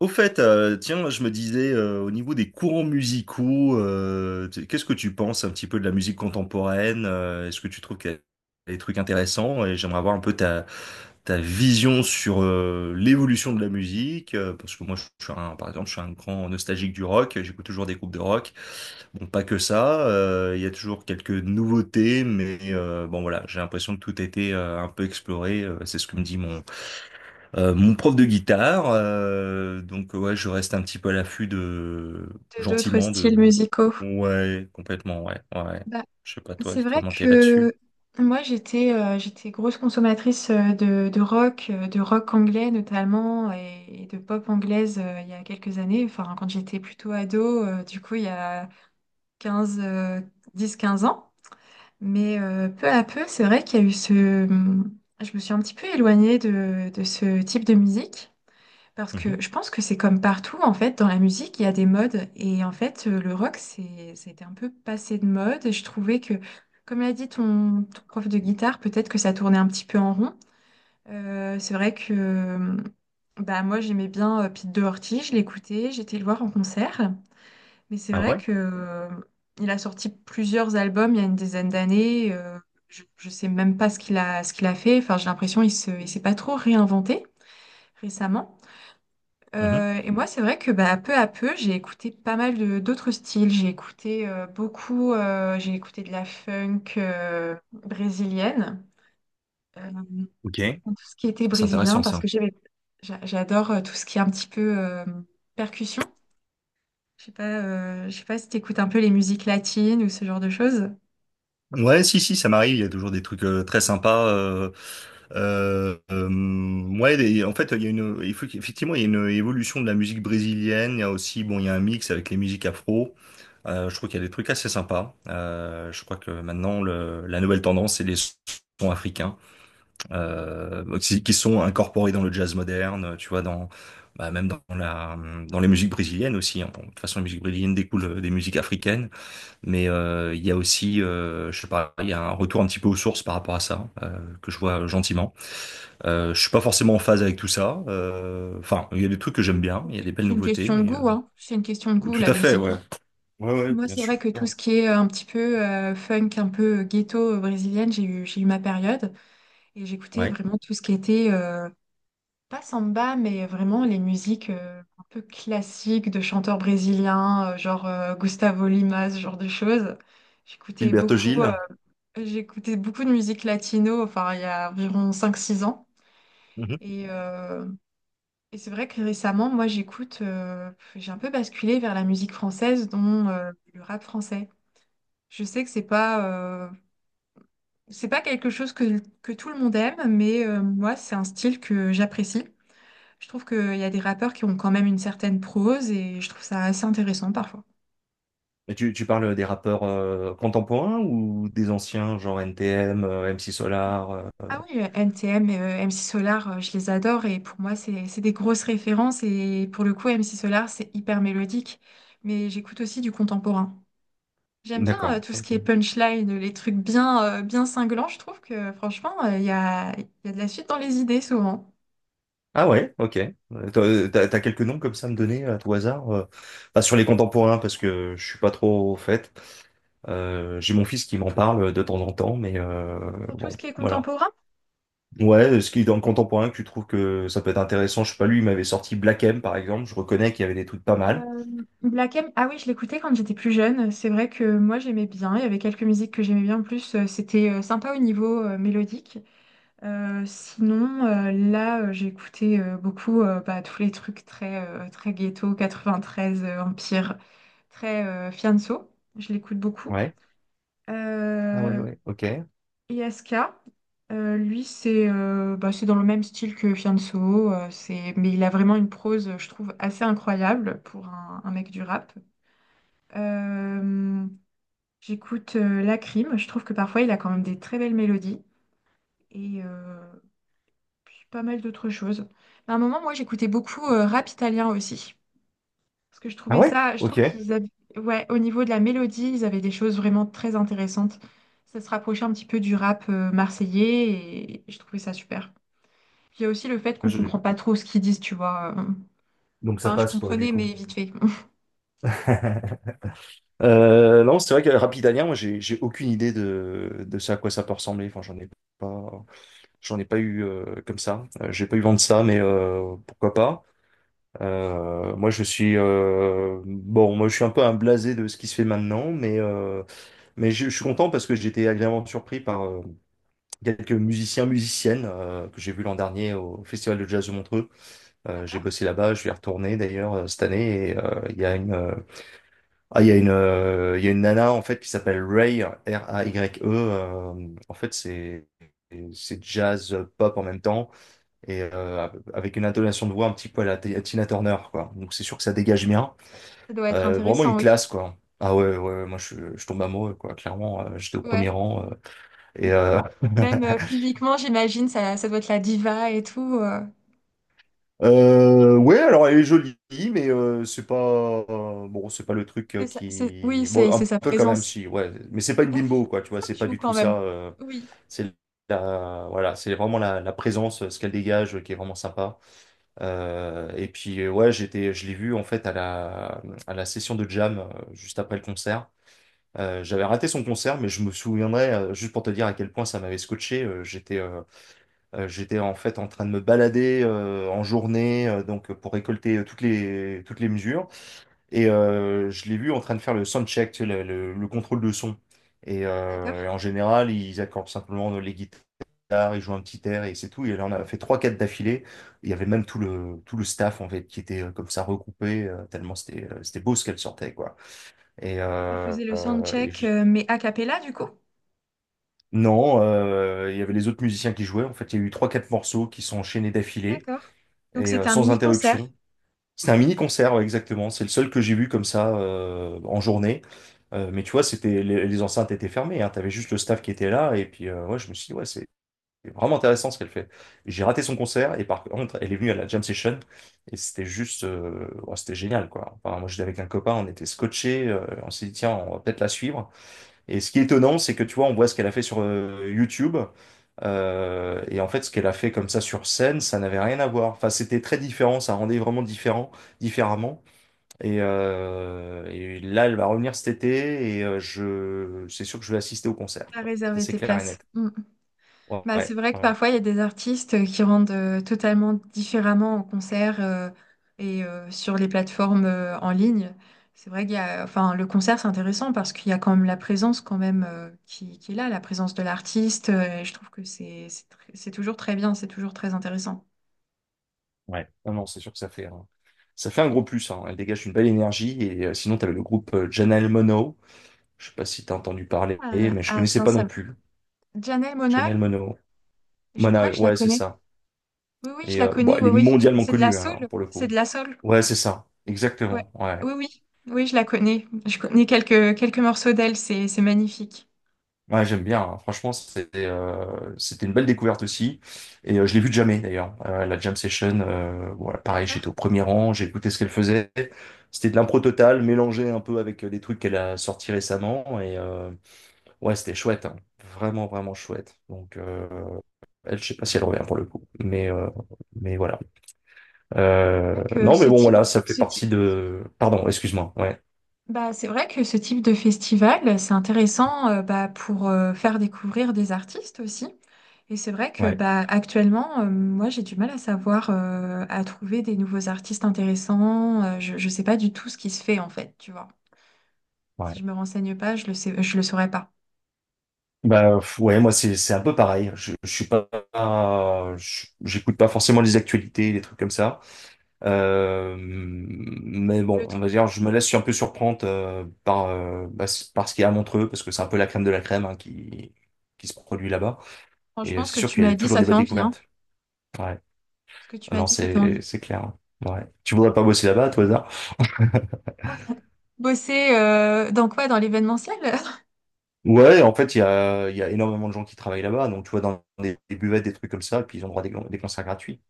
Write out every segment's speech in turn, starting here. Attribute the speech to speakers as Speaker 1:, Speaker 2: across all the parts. Speaker 1: Au fait, tiens, je me disais, au niveau des courants musicaux, qu'est-ce que tu penses un petit peu de la musique contemporaine? Est-ce que tu trouves qu'il y a des trucs intéressants? Et j'aimerais avoir un peu ta vision sur l'évolution de la musique, parce que moi, par exemple, je suis un grand nostalgique du rock, j'écoute toujours des groupes de rock. Bon, pas que ça, il y a toujours quelques nouveautés, mais bon, voilà, j'ai l'impression que tout a été un peu exploré, c'est ce que me dit mon prof de guitare, donc ouais, je reste un petit peu à l'affût de
Speaker 2: D'autres
Speaker 1: gentiment
Speaker 2: styles
Speaker 1: de
Speaker 2: musicaux?
Speaker 1: ouais, complètement ouais, ouais. Ouais.
Speaker 2: Bah,
Speaker 1: Je sais pas toi
Speaker 2: c'est vrai
Speaker 1: comment t'es là-dessus.
Speaker 2: que moi j'étais grosse consommatrice de rock, de rock anglais notamment et de pop anglaise il y a quelques années, enfin quand j'étais plutôt ado, du coup il y a 15 10-15 ans. Mais peu à peu, c'est vrai qu'il y a eu je me suis un petit peu éloignée de ce type de musique. Parce
Speaker 1: Mhm.
Speaker 2: que je pense que c'est comme partout, en fait, dans la musique, il y a des modes. Et en fait, le rock, ça a été un peu passé de mode. Et je trouvais que, comme l'a dit ton prof de guitare, peut-être que ça tournait un petit peu en rond. C'est vrai que bah, Moi, j'aimais bien Pete Doherty, je l'écoutais, j'étais le voir en concert. Mais c'est
Speaker 1: Ah
Speaker 2: vrai
Speaker 1: ouais?
Speaker 2: que il a sorti plusieurs albums il y a une dizaine d'années. Je ne sais même pas ce qu'il a fait. Enfin, j'ai l'impression il s'est pas trop réinventé récemment.
Speaker 1: Mhm.
Speaker 2: Et moi, c'est vrai que bah, peu à peu, j'ai écouté pas mal de d'autres styles. J'ai écouté j'ai écouté de la funk brésilienne, euh,
Speaker 1: Ok,
Speaker 2: tout ce qui était
Speaker 1: c'est
Speaker 2: brésilien,
Speaker 1: intéressant
Speaker 2: parce
Speaker 1: ça.
Speaker 2: que j'adore tout ce qui est un petit peu percussion. Je sais pas si t'écoutes un peu les musiques latines ou ce genre de choses.
Speaker 1: Ouais, si, si, ça m'arrive. Il y a toujours des trucs très sympas. Ouais, en fait, il faut qu'effectivement, il y a une évolution de la musique brésilienne. Il y a aussi, bon, il y a un mix avec les musiques afro. Je trouve qu'il y a des trucs assez sympas. Je crois que maintenant, la nouvelle tendance, c'est les sons africains qui sont incorporés dans le jazz moderne. Tu vois, dans bah, même dans la, dans les musiques brésiliennes aussi, hein. Bon, de toute façon, les musiques brésiliennes découlent des musiques africaines. Mais il y a aussi, je sais pas, il y a un retour un petit peu aux sources par rapport à ça, que je vois gentiment. Je suis pas forcément en phase avec tout ça. Enfin, il y a des trucs que j'aime bien, il y a des belles
Speaker 2: C'est une
Speaker 1: nouveautés,
Speaker 2: question de
Speaker 1: mais
Speaker 2: goût, hein. C'est une question de goût,
Speaker 1: tout
Speaker 2: la
Speaker 1: à fait,
Speaker 2: musique.
Speaker 1: ouais. Ouais, ouais,
Speaker 2: Moi,
Speaker 1: bien
Speaker 2: c'est
Speaker 1: sûr.
Speaker 2: vrai que tout ce qui est un petit peu funk, un peu ghetto brésilienne, j'ai eu ma période. Et j'écoutais
Speaker 1: Ouais.
Speaker 2: vraiment tout ce qui était, pas samba, mais vraiment les musiques un peu classiques de chanteurs brésiliens, Gustavo Lima, ce genre de choses. J'écoutais
Speaker 1: Gilberto
Speaker 2: beaucoup, euh,
Speaker 1: Gil.
Speaker 2: j'écoutais beaucoup de musique latino, enfin, il y a environ cinq six ans.
Speaker 1: Mhm.
Speaker 2: Et, euh, et c'est vrai que récemment, moi, j'ai un peu basculé vers la musique française, dont le rap français. Je sais que euh, c'est pas quelque chose que tout le monde aime, mais moi, c'est un style que j'apprécie. Je trouve qu'il y a des rappeurs qui ont quand même une certaine prose et je trouve ça assez intéressant parfois.
Speaker 1: Et tu parles des rappeurs contemporains ou des anciens, genre NTM, MC Solar,
Speaker 2: Ah oui, NTM et MC Solar, je les adore et pour moi, c'est des grosses références et pour le coup, MC Solar, c'est hyper mélodique, mais j'écoute aussi du contemporain. J'aime bien
Speaker 1: D'accord.
Speaker 2: tout ce
Speaker 1: Ok.
Speaker 2: qui est punchline, les trucs bien, bien cinglants, je trouve que franchement, il y a de la suite dans les idées souvent.
Speaker 1: Ah ouais, ok. Euh, T'as quelques noms comme ça à me donner à tout hasard? Pas sur les contemporains parce que je suis pas trop au fait. J'ai mon fils qui m'en parle de temps en temps, mais
Speaker 2: Pour tout
Speaker 1: bon,
Speaker 2: ce qui est
Speaker 1: voilà.
Speaker 2: contemporain,
Speaker 1: Ouais, ce qui est dans le contemporain que tu trouves que ça peut être intéressant, je sais pas, lui, il m'avait sorti Black M par exemple, je reconnais qu'il y avait des trucs pas mal.
Speaker 2: Euh, Black M, ah oui, je l'écoutais quand j'étais plus jeune. C'est vrai que moi j'aimais bien. Il y avait quelques musiques que j'aimais bien. En plus, c'était sympa au niveau mélodique. J'ai écouté beaucoup tous les trucs très ghetto, 93, Empire, très Fianso. Je l'écoute beaucoup.
Speaker 1: Ouais. Ah ouais,
Speaker 2: Euh,
Speaker 1: ouais, ok.
Speaker 2: ISK, lui, c'est dans le même style que Fianso. Mais il a vraiment une prose, je trouve, assez incroyable pour un mec du rap. Euh, J'écoute La Crime. Je trouve que parfois il a quand même des très belles mélodies et euh, puis pas mal d'autres choses. Mais à un moment, moi, j'écoutais beaucoup rap italien aussi parce que je
Speaker 1: Ah
Speaker 2: trouvais
Speaker 1: ouais?
Speaker 2: ça, je trouve
Speaker 1: Ok.
Speaker 2: ouais, au niveau de la mélodie, ils avaient des choses vraiment très intéressantes. Ça se rapprochait un petit peu du rap marseillais et je trouvais ça super. Puis il y a aussi le fait qu'on
Speaker 1: Je-
Speaker 2: comprend pas trop ce qu'ils disent, tu vois.
Speaker 1: Donc ça
Speaker 2: Enfin, je
Speaker 1: passe quoi du
Speaker 2: comprenais,
Speaker 1: coup?
Speaker 2: mais vite fait.
Speaker 1: Non, c'est vrai que Rapidanien, moi j'ai aucune idée de ça à quoi ça peut ressembler. Enfin, j'en ai pas. J'en ai pas eu comme ça. J'ai pas eu vent de ça, mais pourquoi pas. Moi, je suis bon. Moi, je suis un peu un blasé de ce qui se fait maintenant, mais mais je suis content parce que j'ai été agréablement surpris par quelques musiciens, musiciennes que j'ai vus l'an dernier au Festival de Jazz de Montreux. J'ai
Speaker 2: D'accord.
Speaker 1: bossé là-bas, je vais y retourner d'ailleurs cette année. Et il y a une nana en fait qui s'appelle Ray, Raye. En fait, c'est jazz pop en même temps et avec une intonation de voix un petit peu à Tina Turner, quoi. Donc c'est sûr que ça dégage bien.
Speaker 2: Ça doit être
Speaker 1: Vraiment une
Speaker 2: intéressant, oui.
Speaker 1: classe, quoi. Ah ouais, ouais, ouais, moi je tombe amoureux, quoi. Clairement, j'étais au premier
Speaker 2: Ouais.
Speaker 1: rang. Et
Speaker 2: Même physiquement, j'imagine, ça doit être la diva et tout.
Speaker 1: Ouais, alors elle est jolie, mais c'est pas bon, c'est pas le truc
Speaker 2: Oui,
Speaker 1: qui bon
Speaker 2: c'est
Speaker 1: un
Speaker 2: sa
Speaker 1: peu quand même
Speaker 2: présence.
Speaker 1: si ouais, mais c'est pas une
Speaker 2: Ah,
Speaker 1: bimbo quoi, tu vois,
Speaker 2: ça
Speaker 1: c'est pas
Speaker 2: joue
Speaker 1: du tout
Speaker 2: quand même.
Speaker 1: ça.
Speaker 2: Oui,
Speaker 1: C'est la voilà, c'est vraiment la présence, ce qu'elle dégage, qui est vraiment sympa. Et puis ouais, je l'ai vue en fait à la session de jam juste après le concert. J'avais raté son concert, mais je me souviendrai juste pour te dire à quel point ça m'avait scotché. J'étais en fait en train de me balader en journée, donc pour récolter toutes les mesures. Et je l'ai vu en train de faire le sound check, tu sais, le contrôle de son. Et
Speaker 2: d'accord.
Speaker 1: en général, ils accordent simplement les guitares, ils jouent un petit air et c'est tout. Et là, on a fait trois, quatre d'affilée. Il y avait même tout le staff en fait qui était comme ça regroupé, tellement c'était beau ce qu'elle sortait, quoi. Et,
Speaker 2: Ça
Speaker 1: euh,
Speaker 2: faisait le
Speaker 1: euh, et
Speaker 2: soundcheck,
Speaker 1: je-
Speaker 2: mais a cappella du coup.
Speaker 1: Non, il y avait les autres musiciens qui jouaient. En fait, il y a eu trois, quatre morceaux qui sont enchaînés d'affilée.
Speaker 2: D'accord. Donc
Speaker 1: Et
Speaker 2: c'était un
Speaker 1: sans
Speaker 2: mini-concert.
Speaker 1: interruption. C'était un mini-concert, ouais, exactement. C'est le seul que j'ai vu comme ça en journée. Mais tu vois, les enceintes étaient fermées, hein. T'avais juste le staff qui était là. Et puis, ouais, je me suis dit, ouais, c'est vraiment intéressant ce qu'elle fait. J'ai raté son concert et par contre, elle est venue à la jam session et c'était juste, ouais, c'était génial, quoi. Enfin, moi, j'étais avec un copain, on était scotchés. On s'est dit, tiens, on va peut-être la suivre. Et ce qui est étonnant, c'est que tu vois, on voit ce qu'elle a fait sur YouTube. Et en fait, ce qu'elle a fait comme ça sur scène, ça n'avait rien à voir. Enfin, c'était très différent, ça rendait vraiment différent, différemment. Et là, elle va revenir cet été et c'est sûr que je vais assister au concert,
Speaker 2: À
Speaker 1: quoi. Ça,
Speaker 2: réserver
Speaker 1: c'est
Speaker 2: tes
Speaker 1: clair et
Speaker 2: places.
Speaker 1: net. Ouais,
Speaker 2: Bah, c'est vrai que
Speaker 1: ouais,
Speaker 2: parfois il y a des artistes qui rendent totalement différemment en concert sur les plateformes en ligne. C'est vrai qu'il y a, enfin, le concert c'est intéressant parce qu'il y a quand même la présence quand même qui est là, la présence de l'artiste. Et je trouve que c'est toujours très bien, c'est toujours très intéressant.
Speaker 1: ouais. Non, non, c'est sûr que ça fait un gros plus, hein. Elle dégage une belle énergie. Et sinon, tu avais le groupe Janelle Monáe. Je sais pas si tu as entendu parler,
Speaker 2: Ah,
Speaker 1: mais je
Speaker 2: ah,
Speaker 1: connaissais
Speaker 2: tiens,
Speaker 1: pas
Speaker 2: ça
Speaker 1: non
Speaker 2: me-
Speaker 1: plus.
Speaker 2: Janelle Monáe,
Speaker 1: Janelle Monáe.
Speaker 2: je crois
Speaker 1: Monáe,
Speaker 2: que je la
Speaker 1: ouais, c'est
Speaker 2: connais.
Speaker 1: ça.
Speaker 2: Oui, oui, je
Speaker 1: Et
Speaker 2: la
Speaker 1: bon,
Speaker 2: connais.
Speaker 1: elle
Speaker 2: Oui,
Speaker 1: est
Speaker 2: oui,
Speaker 1: mondialement
Speaker 2: c'est de la
Speaker 1: connue, hein,
Speaker 2: soul,
Speaker 1: pour le
Speaker 2: c'est
Speaker 1: coup.
Speaker 2: de la soul.
Speaker 1: Ouais, c'est ça,
Speaker 2: Ouais.
Speaker 1: exactement. Ouais,
Speaker 2: Oui, oui, oui, je la connais. Je connais quelques morceaux d'elle. C'est magnifique.
Speaker 1: ouais, j'aime bien, hein. Franchement, c'était une belle découverte aussi. Et je l'ai vue de jamais d'ailleurs. La jam session, voilà,
Speaker 2: C'est
Speaker 1: pareil, j'étais au premier rang, j'ai écouté ce qu'elle faisait. C'était de l'impro totale, mélangé un peu avec des trucs qu'elle a sortis récemment. Et ouais, c'était chouette, hein. Vraiment, vraiment chouette. Donc, je sais pas si elle revient pour le coup, mais voilà.
Speaker 2: vrai que
Speaker 1: Non, mais bon, voilà, ça fait
Speaker 2: ce
Speaker 1: partie
Speaker 2: type-
Speaker 1: de. Pardon, excuse-moi. Ouais.
Speaker 2: Bah, c'est vrai que ce type de festival, c'est intéressant pour faire découvrir des artistes aussi. Et c'est vrai que
Speaker 1: Ouais.
Speaker 2: bah, actuellement, moi, j'ai du mal à à trouver des nouveaux artistes intéressants. Je ne sais pas du tout ce qui se fait en fait, tu vois. Si
Speaker 1: Ouais.
Speaker 2: je me renseigne pas, je le saurais pas.
Speaker 1: Bah pff, ouais, moi c'est un peu pareil. Je suis pas, j'écoute pas forcément les actualités, les trucs comme ça. Mais bon,
Speaker 2: Le
Speaker 1: on
Speaker 2: truc,
Speaker 1: va dire, je me laisse un peu surprendre par ce qu'il y a à Montreux, parce que c'est un peu la crème de la crème, hein, qui se produit là-bas. Et
Speaker 2: franchement, ce que
Speaker 1: c'est sûr
Speaker 2: tu
Speaker 1: qu'il y
Speaker 2: m'as
Speaker 1: a
Speaker 2: dit,
Speaker 1: toujours
Speaker 2: ça
Speaker 1: des
Speaker 2: fait
Speaker 1: belles
Speaker 2: envie, hein.
Speaker 1: découvertes. Ouais.
Speaker 2: Ce que tu
Speaker 1: Ah
Speaker 2: m'as
Speaker 1: non,
Speaker 2: dit, ça fait
Speaker 1: c'est
Speaker 2: envie.
Speaker 1: c'est clair, hein. Ouais. Tu voudrais pas bosser là-bas, à tout hasard?
Speaker 2: Bosser dans quoi? Dans l'événementiel?
Speaker 1: Ouais, en fait, il y a énormément de gens qui travaillent là-bas. Donc tu vois dans des buvettes, des trucs comme ça, et puis ils ont droit à des concerts gratuits.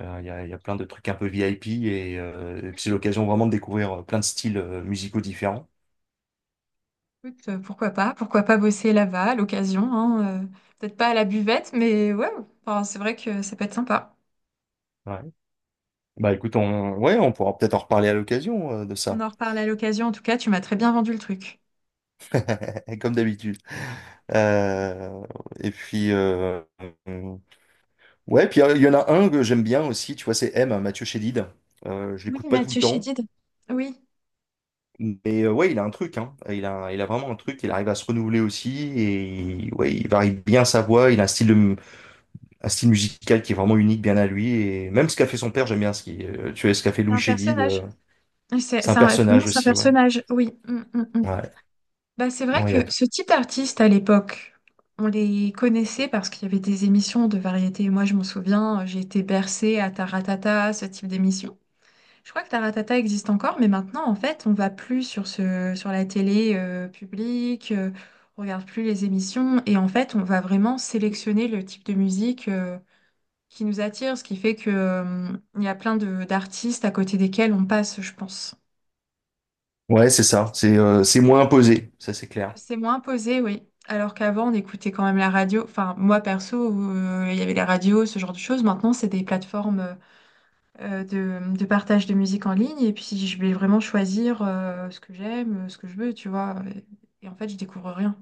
Speaker 1: Il y a plein de trucs un peu VIP et puis c'est l'occasion vraiment de découvrir plein de styles musicaux différents.
Speaker 2: Écoute, pourquoi pas? Pourquoi pas bosser là-bas à l'occasion, hein, peut-être pas à la buvette, mais ouais, enfin, c'est vrai que ça peut être sympa.
Speaker 1: Ouais. Bah écoute, ouais, on pourra peut-être en reparler à l'occasion de
Speaker 2: On
Speaker 1: ça,
Speaker 2: en reparle à l'occasion, en tout cas, tu m'as très bien vendu le truc.
Speaker 1: comme d'habitude. Euh, et puis, ouais, puis il y en a un que j'aime bien aussi, tu vois, c'est Mathieu Chédid. Je
Speaker 2: Oui,
Speaker 1: l'écoute pas tout le
Speaker 2: Mathieu
Speaker 1: temps,
Speaker 2: Chédid, oui,
Speaker 1: mais ouais, il a un truc, hein. Il a vraiment un truc, il arrive à se renouveler aussi et ouais, il varie bien sa voix, il a un style musical qui est vraiment unique, bien à lui. Et même ce qu'a fait son père, j'aime bien tu vois, ce qu'a fait
Speaker 2: c'est
Speaker 1: Louis
Speaker 2: un
Speaker 1: Chédid.
Speaker 2: personnage.
Speaker 1: C'est un personnage
Speaker 2: C'est un
Speaker 1: aussi, ouais.
Speaker 2: personnage. Oui, mm, mm, mm.
Speaker 1: Ouais,
Speaker 2: Bah, c'est vrai
Speaker 1: bon il y a
Speaker 2: que
Speaker 1: tout.
Speaker 2: ce type d'artiste à l'époque, on les connaissait parce qu'il y avait des émissions de variété. Moi, je m'en souviens, j'ai été bercée à Taratata, ce type d'émission. Je crois que Taratata existe encore, mais maintenant, en fait, on va plus sur sur la télé publique, on regarde plus les émissions, et en fait, on va vraiment sélectionner le type de musique qui nous attire, ce qui fait que il y a plein de d'artistes à côté desquels on passe, je pense.
Speaker 1: Ouais, c'est ça. C'est moins imposé, ça c'est clair.
Speaker 2: C'est moins posé, oui. Alors qu'avant, on écoutait quand même la radio. Enfin, moi perso, il y avait la radio, ce genre de choses. Maintenant, c'est des plateformes, de partage de musique en ligne. Et puis, je vais vraiment choisir ce que ce que je veux, tu vois. Et en fait, je découvre rien.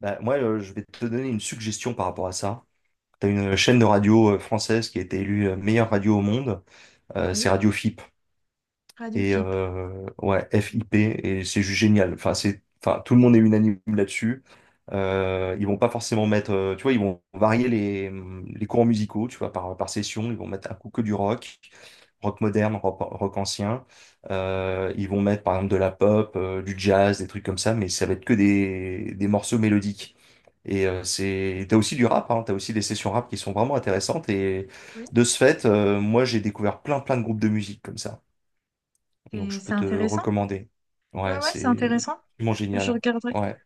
Speaker 1: Bah, moi, je vais te donner une suggestion par rapport à ça. T'as une chaîne de radio française qui a été élue meilleure radio au monde. C'est
Speaker 2: Oui,
Speaker 1: Radio FIP.
Speaker 2: Radio
Speaker 1: Et
Speaker 2: FIP.
Speaker 1: ouais, FIP, et c'est juste génial. Enfin, c'est, enfin, tout le monde est unanime là-dessus. Ils vont pas forcément mettre, tu vois, ils vont varier les courants musicaux, tu vois, par session. Ils vont mettre un coup que du rock, rock moderne, rock, rock ancien. Ils vont mettre, par exemple, de la pop, du jazz, des trucs comme ça, mais ça va être que des morceaux mélodiques. Et t'as aussi du rap, hein, t'as aussi des sessions rap qui sont vraiment intéressantes. Et
Speaker 2: Oui,
Speaker 1: de ce fait, moi, j'ai découvert plein, plein de groupes de musique comme ça. Donc je peux
Speaker 2: c'est
Speaker 1: te
Speaker 2: intéressant.
Speaker 1: recommander.
Speaker 2: Ouais,
Speaker 1: Ouais,
Speaker 2: ouais, c'est
Speaker 1: c'est
Speaker 2: intéressant.
Speaker 1: vraiment
Speaker 2: Je
Speaker 1: génial.
Speaker 2: regarderai.
Speaker 1: Ouais.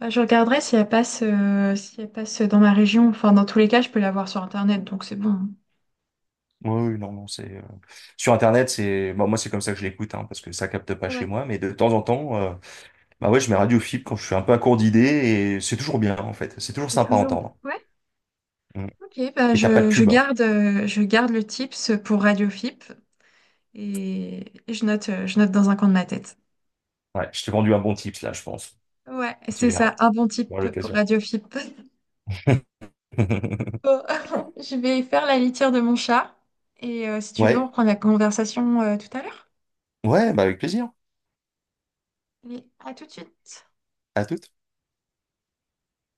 Speaker 2: Bah, je regarderai si elle si elle passe dans ma région. Enfin, dans tous les cas, je peux la voir sur Internet, donc c'est bon.
Speaker 1: Oui, oui, non, non, c'est sur Internet, c'est bon, moi c'est comme ça que je l'écoute, hein, parce que ça capte pas
Speaker 2: Ah
Speaker 1: chez
Speaker 2: ouais,
Speaker 1: moi, mais de temps en temps, bah ouais, je mets Radio Fibre quand je suis un peu à court d'idées et c'est toujours bien en fait, c'est toujours
Speaker 2: il y a
Speaker 1: sympa à
Speaker 2: toujours.
Speaker 1: entendre.
Speaker 2: Ouais,
Speaker 1: Mm.
Speaker 2: ok, bah
Speaker 1: Et t'as pas de pub.
Speaker 2: je garde le tips pour Radio FIP et je note dans un coin de ma tête.
Speaker 1: Ouais, je t'ai vendu un bon tips là, je pense.
Speaker 2: Ouais,
Speaker 1: Tu
Speaker 2: c'est ça,
Speaker 1: verras,
Speaker 2: un bon
Speaker 1: à
Speaker 2: type pour
Speaker 1: l'occasion.
Speaker 2: Radiofip. Bon, je vais faire la litière de mon chat et si tu veux, on
Speaker 1: Ouais,
Speaker 2: reprend la conversation tout à l'heure.
Speaker 1: ouais, bah avec plaisir.
Speaker 2: Allez, à tout de suite.
Speaker 1: À toute.